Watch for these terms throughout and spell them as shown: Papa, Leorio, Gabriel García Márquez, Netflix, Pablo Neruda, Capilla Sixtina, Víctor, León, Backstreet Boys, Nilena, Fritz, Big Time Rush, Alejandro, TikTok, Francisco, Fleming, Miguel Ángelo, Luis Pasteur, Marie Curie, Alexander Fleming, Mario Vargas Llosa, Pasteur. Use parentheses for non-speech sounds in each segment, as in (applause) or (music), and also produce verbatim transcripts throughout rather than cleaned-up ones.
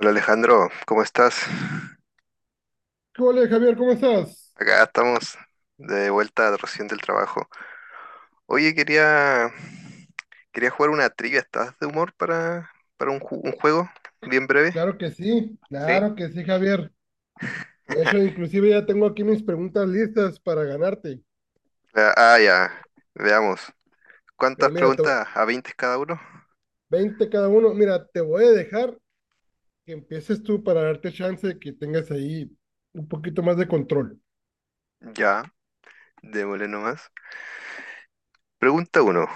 Hola Alejandro, ¿cómo estás? ¿Qué ole, Javier? ¿Cómo estás? Acá estamos de vuelta recién del trabajo. Oye, quería, quería jugar una trivia. ¿Estás de humor para, para un, ju- un juego bien breve? Claro que sí, ¿Sí? claro que sí, Javier. De hecho, (laughs) inclusive ya tengo aquí mis preguntas listas para ganarte. Ah, ah, ya. Veamos. Pero ¿Cuántas mira, te- preguntas? ¿A veinte cada uno? veinte cada uno. Mira, te voy a dejar que empieces tú para darte chance de que tengas ahí un poquito más de control. Ya, démosle nomás. Pregunta uno.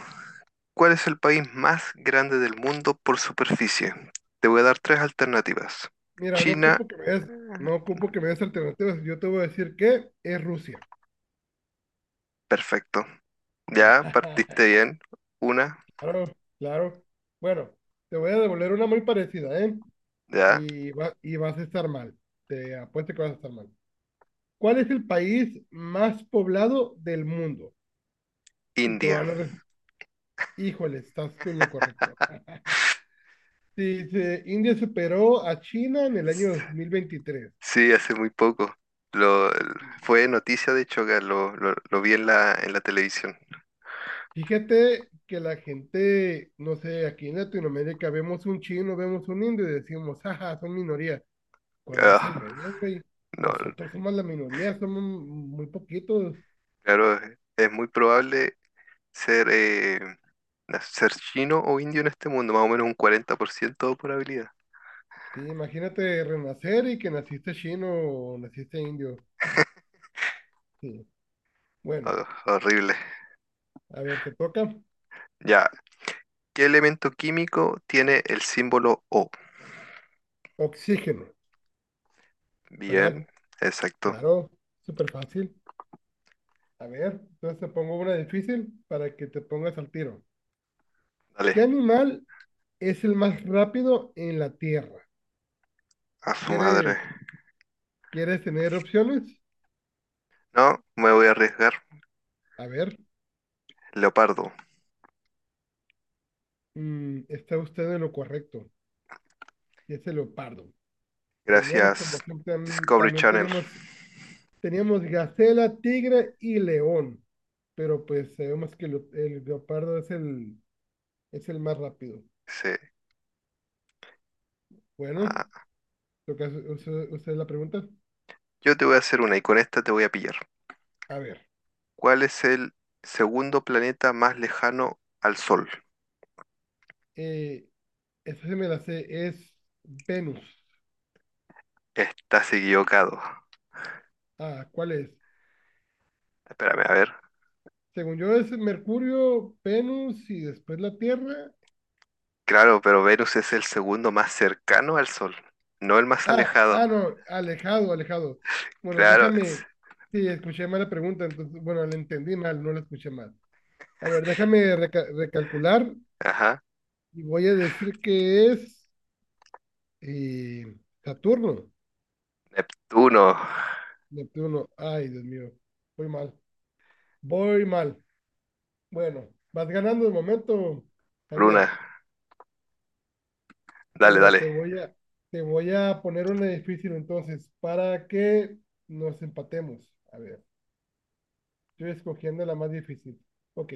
¿Cuál es el país más grande del mundo por superficie? Te voy a dar tres alternativas. Mira, no China, ocupo que me des, no ocupo que me des alternativas. Yo te voy a decir que es Rusia. perfecto. Ya, (laughs) partiste bien. Una, Claro, claro. Bueno, te voy a devolver una muy parecida, ¿eh? ya. Y, va- y vas a estar mal. Te apuesto que vas a estar mal. ¿Cuál es el país más poblado del mundo? Y te voy India. a dar, híjole, estás con lo correcto. Dice, India superó a China en el año dos mil veintitrés. Sí, hace muy poco. Lo, Fue noticia, de hecho, acá, lo, lo- lo vi en la, en la televisión. Fíjate que la gente, no sé, aquí en Latinoamérica vemos un chino, vemos un indio y decimos, ajá, son minoría. Cuando es al Ah, revés, güey. no, Nosotros somos la minoría, somos muy poquitos. claro, es muy probable ser, eh, na- ser chino o indio en este mundo, más o menos un cuarenta por ciento de probabilidad. Sí, imagínate renacer y que naciste chino o naciste indio. Sí. Bueno, Ah, horrible. a ver, te toca. Ya, ¿qué elemento químico tiene el símbolo O? Oxígeno. ¿Verdad? Bien, exacto. Claro, súper fácil. A ver, entonces te pongo una difícil para que te pongas al tiro. ¿Qué Dale, animal es el más rápido en la Tierra? a su madre. ¿Quieres, quieres tener opciones? No, me voy a arriesgar. A ver, Leopardo. mm, está usted en lo correcto. Y es el leopardo. Teníamos Gracias, como siempre, tam- Discovery también Channel. teníamos, teníamos gacela, tigre y león. Pero pues sabemos que lo- el leopardo es el, es el más rápido. Sí. Bueno, Ah, lo que hace- usted usted la pregunta. yo te voy a hacer una y con esta te voy a pillar. A ver. ¿Cuál es el segundo planeta más lejano al Sol? Eh, esa se me la sé, es Venus. Estás equivocado. Ah, ¿cuál es? Espérame, a ver. Según yo es Mercurio, Venus y después la Tierra. Claro, pero Venus es el segundo más cercano al Sol, no el más Ah, alejado. ah, no, alejado, alejado. Bueno, Claro, es- déjame, sí, escuché mal la pregunta, entonces, bueno, la entendí mal, no la escuché mal. A ver, déjame reca- recalcular ajá. y voy a decir que es eh, Saturno, Neptuno, Neptuno. Ay, Dios mío, voy mal, voy mal. Bueno, vas ganando de momento, por Javier. una. Dale, Pero dale. te voy a, te voy a poner una difícil entonces, para que nos empatemos. A ver, estoy escogiendo la más difícil. Ok.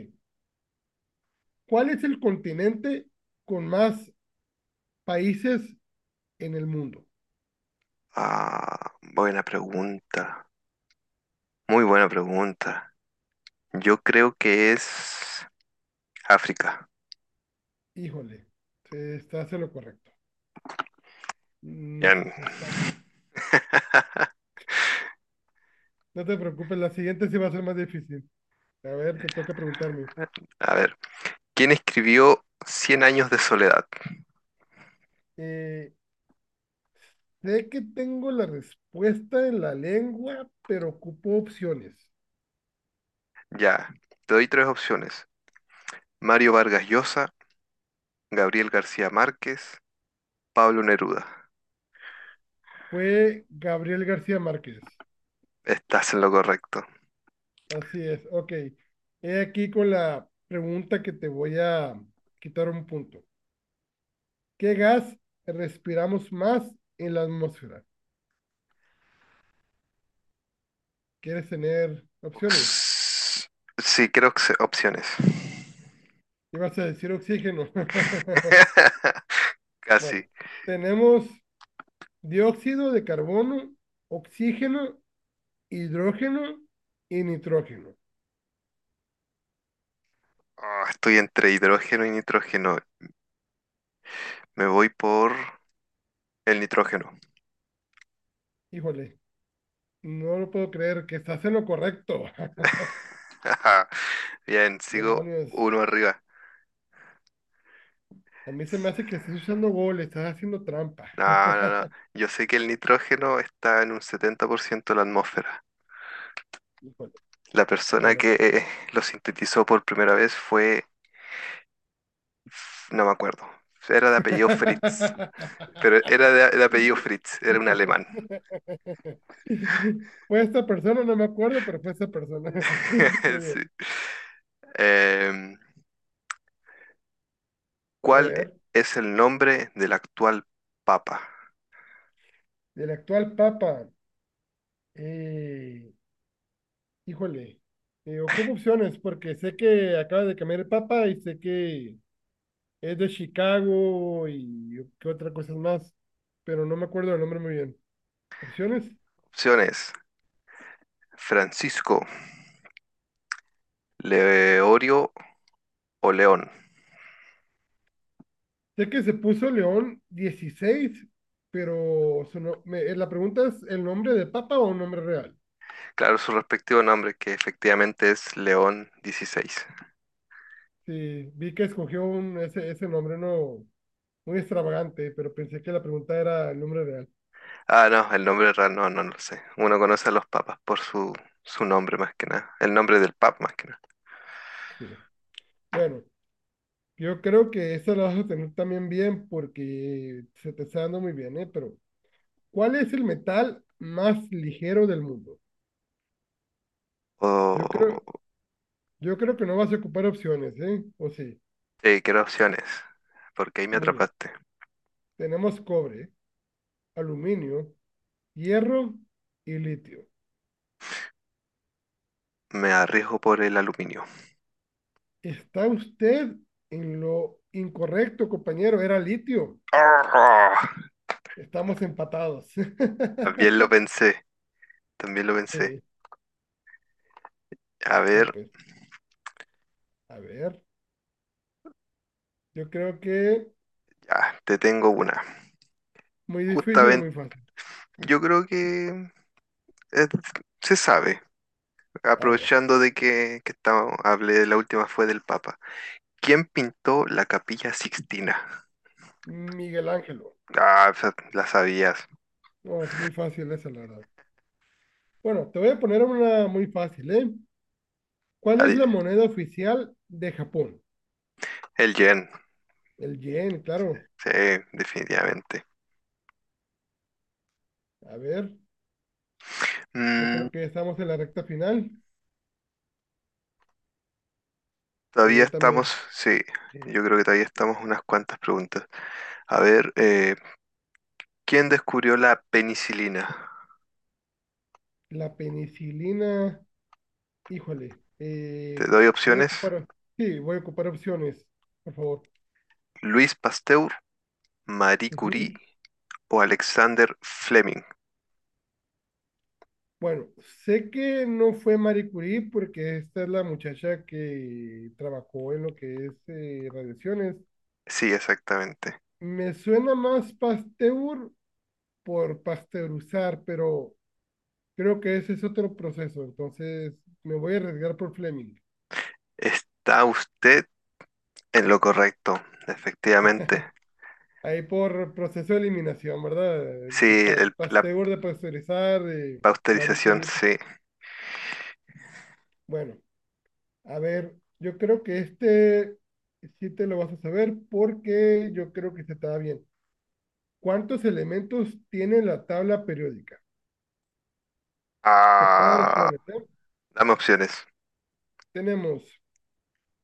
¿Cuál es el continente con más países en el mundo? Ah, buena pregunta. Muy buena pregunta. Yo creo que es África. Híjole, se- estás en lo correcto. Mm, Bien. estamos. (laughs) No te preocupes, la siguiente sí va a ser más difícil. A ver, te toca preguntarme. A ver. ¿Quién escribió Cien años de soledad? Eh, sé que tengo la respuesta en la lengua, pero ocupo opciones. Ya, te doy tres opciones. Mario Vargas Llosa, Gabriel García Márquez, Pablo Neruda. Fue Gabriel García Márquez. Estás en lo correcto. Así es, ok. He aquí con la pregunta que te voy a quitar un punto. ¿Qué gas respiramos más en la atmósfera? ¿Quieres tener opciones? Ox- Sí, creo que se- opciones. Ibas a decir oxígeno. (laughs) (laughs) Casi. Bueno, tenemos dióxido de carbono, oxígeno, hidrógeno y nitrógeno. Ah, estoy entre hidrógeno y nitrógeno. Me voy por el nitrógeno. Híjole, no lo puedo creer que estás en lo correcto. (laughs) (laughs) Ajá. Bien, sigo Demonios, uno arriba. a mí se me hace que estás usando gol, estás haciendo trampa. No, no, no. (laughs) Yo sé que el nitrógeno está en un setenta por ciento de la atmósfera. Híjole. La persona Bueno, que pues. eh, lo sintetizó por primera vez fue, no me acuerdo, era de apellido Fritz, pero era de, de apellido Fritz, era un alemán. (laughs) Fue esta persona, no me acuerdo, pero fue esta persona. (laughs) (laughs) Muy bien. Sí. Em, A ¿Cuál ver, es el nombre del actual papa? del actual Papa. eh, híjole, eh, ocupo opciones porque sé que acaba de cambiar el Papa y sé que es de Chicago y qué otra cosa más, pero no me acuerdo el nombre muy bien. ¿Opciones? Opciones, Francisco, Leorio o León. Sé que se puso León dieciséis pero su no- me- eh, la pregunta es, ¿el nombre de Papa o un nombre real? Claro, su respectivo nombre, que efectivamente es León dieciséis. Sí, vi que escogió un, ese, ese nombre no muy extravagante, pero pensé que la pregunta era el nombre real. Ah, no, el nombre real no, no lo sé. Uno conoce a los papas por su, su nombre más que nada, el nombre del papa más que nada. Sí. Bueno, yo creo que esa la vas a tener también bien porque se te está dando muy bien, ¿eh? Pero, ¿cuál es el metal más ligero del mundo? Yo creo, O yo creo que no vas a ocupar opciones, ¿eh? O sí, eh, Quiero opciones, porque ahí me muy bien. atrapaste. Tenemos cobre, aluminio, hierro y litio. Me arriesgo por el aluminio. Está usted en lo incorrecto, compañero, era litio. ¡Ah! Estamos empatados. (laughs) También lo pensé, también lo pensé. Sí, A no, ver, pues, a ver, yo creo que ya, te tengo una. muy difícil o Justamente, muy fácil. yo creo que eh, se sabe, A ver, aprovechando de que, que estamos- hablé, la última fue del Papa. ¿Quién pintó la Capilla Sixtina? Miguel Ángelo. Ah, esa la sabías. No, es muy fácil esa, la verdad. Bueno, te voy a poner una muy fácil, ¿eh? Ya ¿Cuál es di- la moneda oficial de Japón? El Jen, El yen, claro. sí, definitivamente. A ver, yo Mm, creo que ya estamos en la recta final. Todavía Pregúntame. estamos, sí, yo creo que todavía estamos unas cuantas preguntas. A ver, eh, ¿quién descubrió la penicilina? ¿La penicilina? Híjole, Te eh, doy voy a opciones. ocupar, sí, voy a ocupar opciones, por favor. Luis Pasteur, Marie Ujú. Curie o Alexander Fleming. Bueno, sé que no fue Marie Curie porque esta es la muchacha que trabajó en lo que es eh, radiaciones. Sí, exactamente. Me suena más Pasteur por pasteurizar, pero creo que ese es otro proceso, entonces me voy a arriesgar por Fleming. Está usted en lo correcto, efectivamente. Ahí por proceso de eliminación, ¿verdad? Sí, De pa- el- la Pasteur de pasteurizar, de Marie pasteurización, Curie. sí. Bueno. A ver, yo creo que este sí te lo vas a saber porque yo creo que se está bien. ¿Cuántos elementos tiene la tabla periódica? Te puedo dar Ah, opciones, ¿eh? dame opciones. Tenemos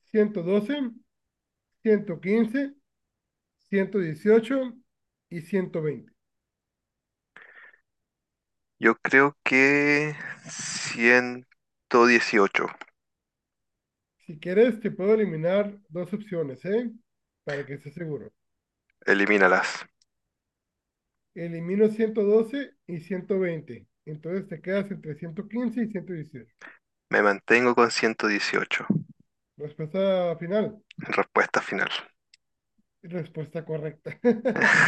ciento doce, ciento quince, ciento dieciocho y ciento veinte. Yo creo que ciento dieciocho. Si quieres, te puedo eliminar dos opciones, ¿eh? Para que estés seguro. Elimínalas. Elimino ciento doce y ciento veinte. Entonces te quedas entre ciento quince y ciento dieciocho. Me mantengo con ciento dieciocho. Respuesta final. Respuesta final. Respuesta correcta. (laughs)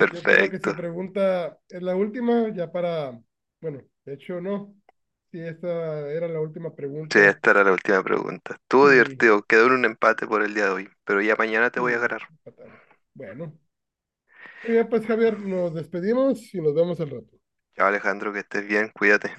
Yo creo que se pregunta, es la última, ya para, bueno, de hecho no, si esta era la última Sí, pregunta, esta era la última pregunta. Estuvo sí, divertido. Quedó en un empate por el día de hoy, pero ya mañana te voy a sí, ganar. empatamos. Bueno, muy bien, pues Javier, nos despedimos y nos vemos al rato. Ya, Alejandro, que estés bien, cuídate.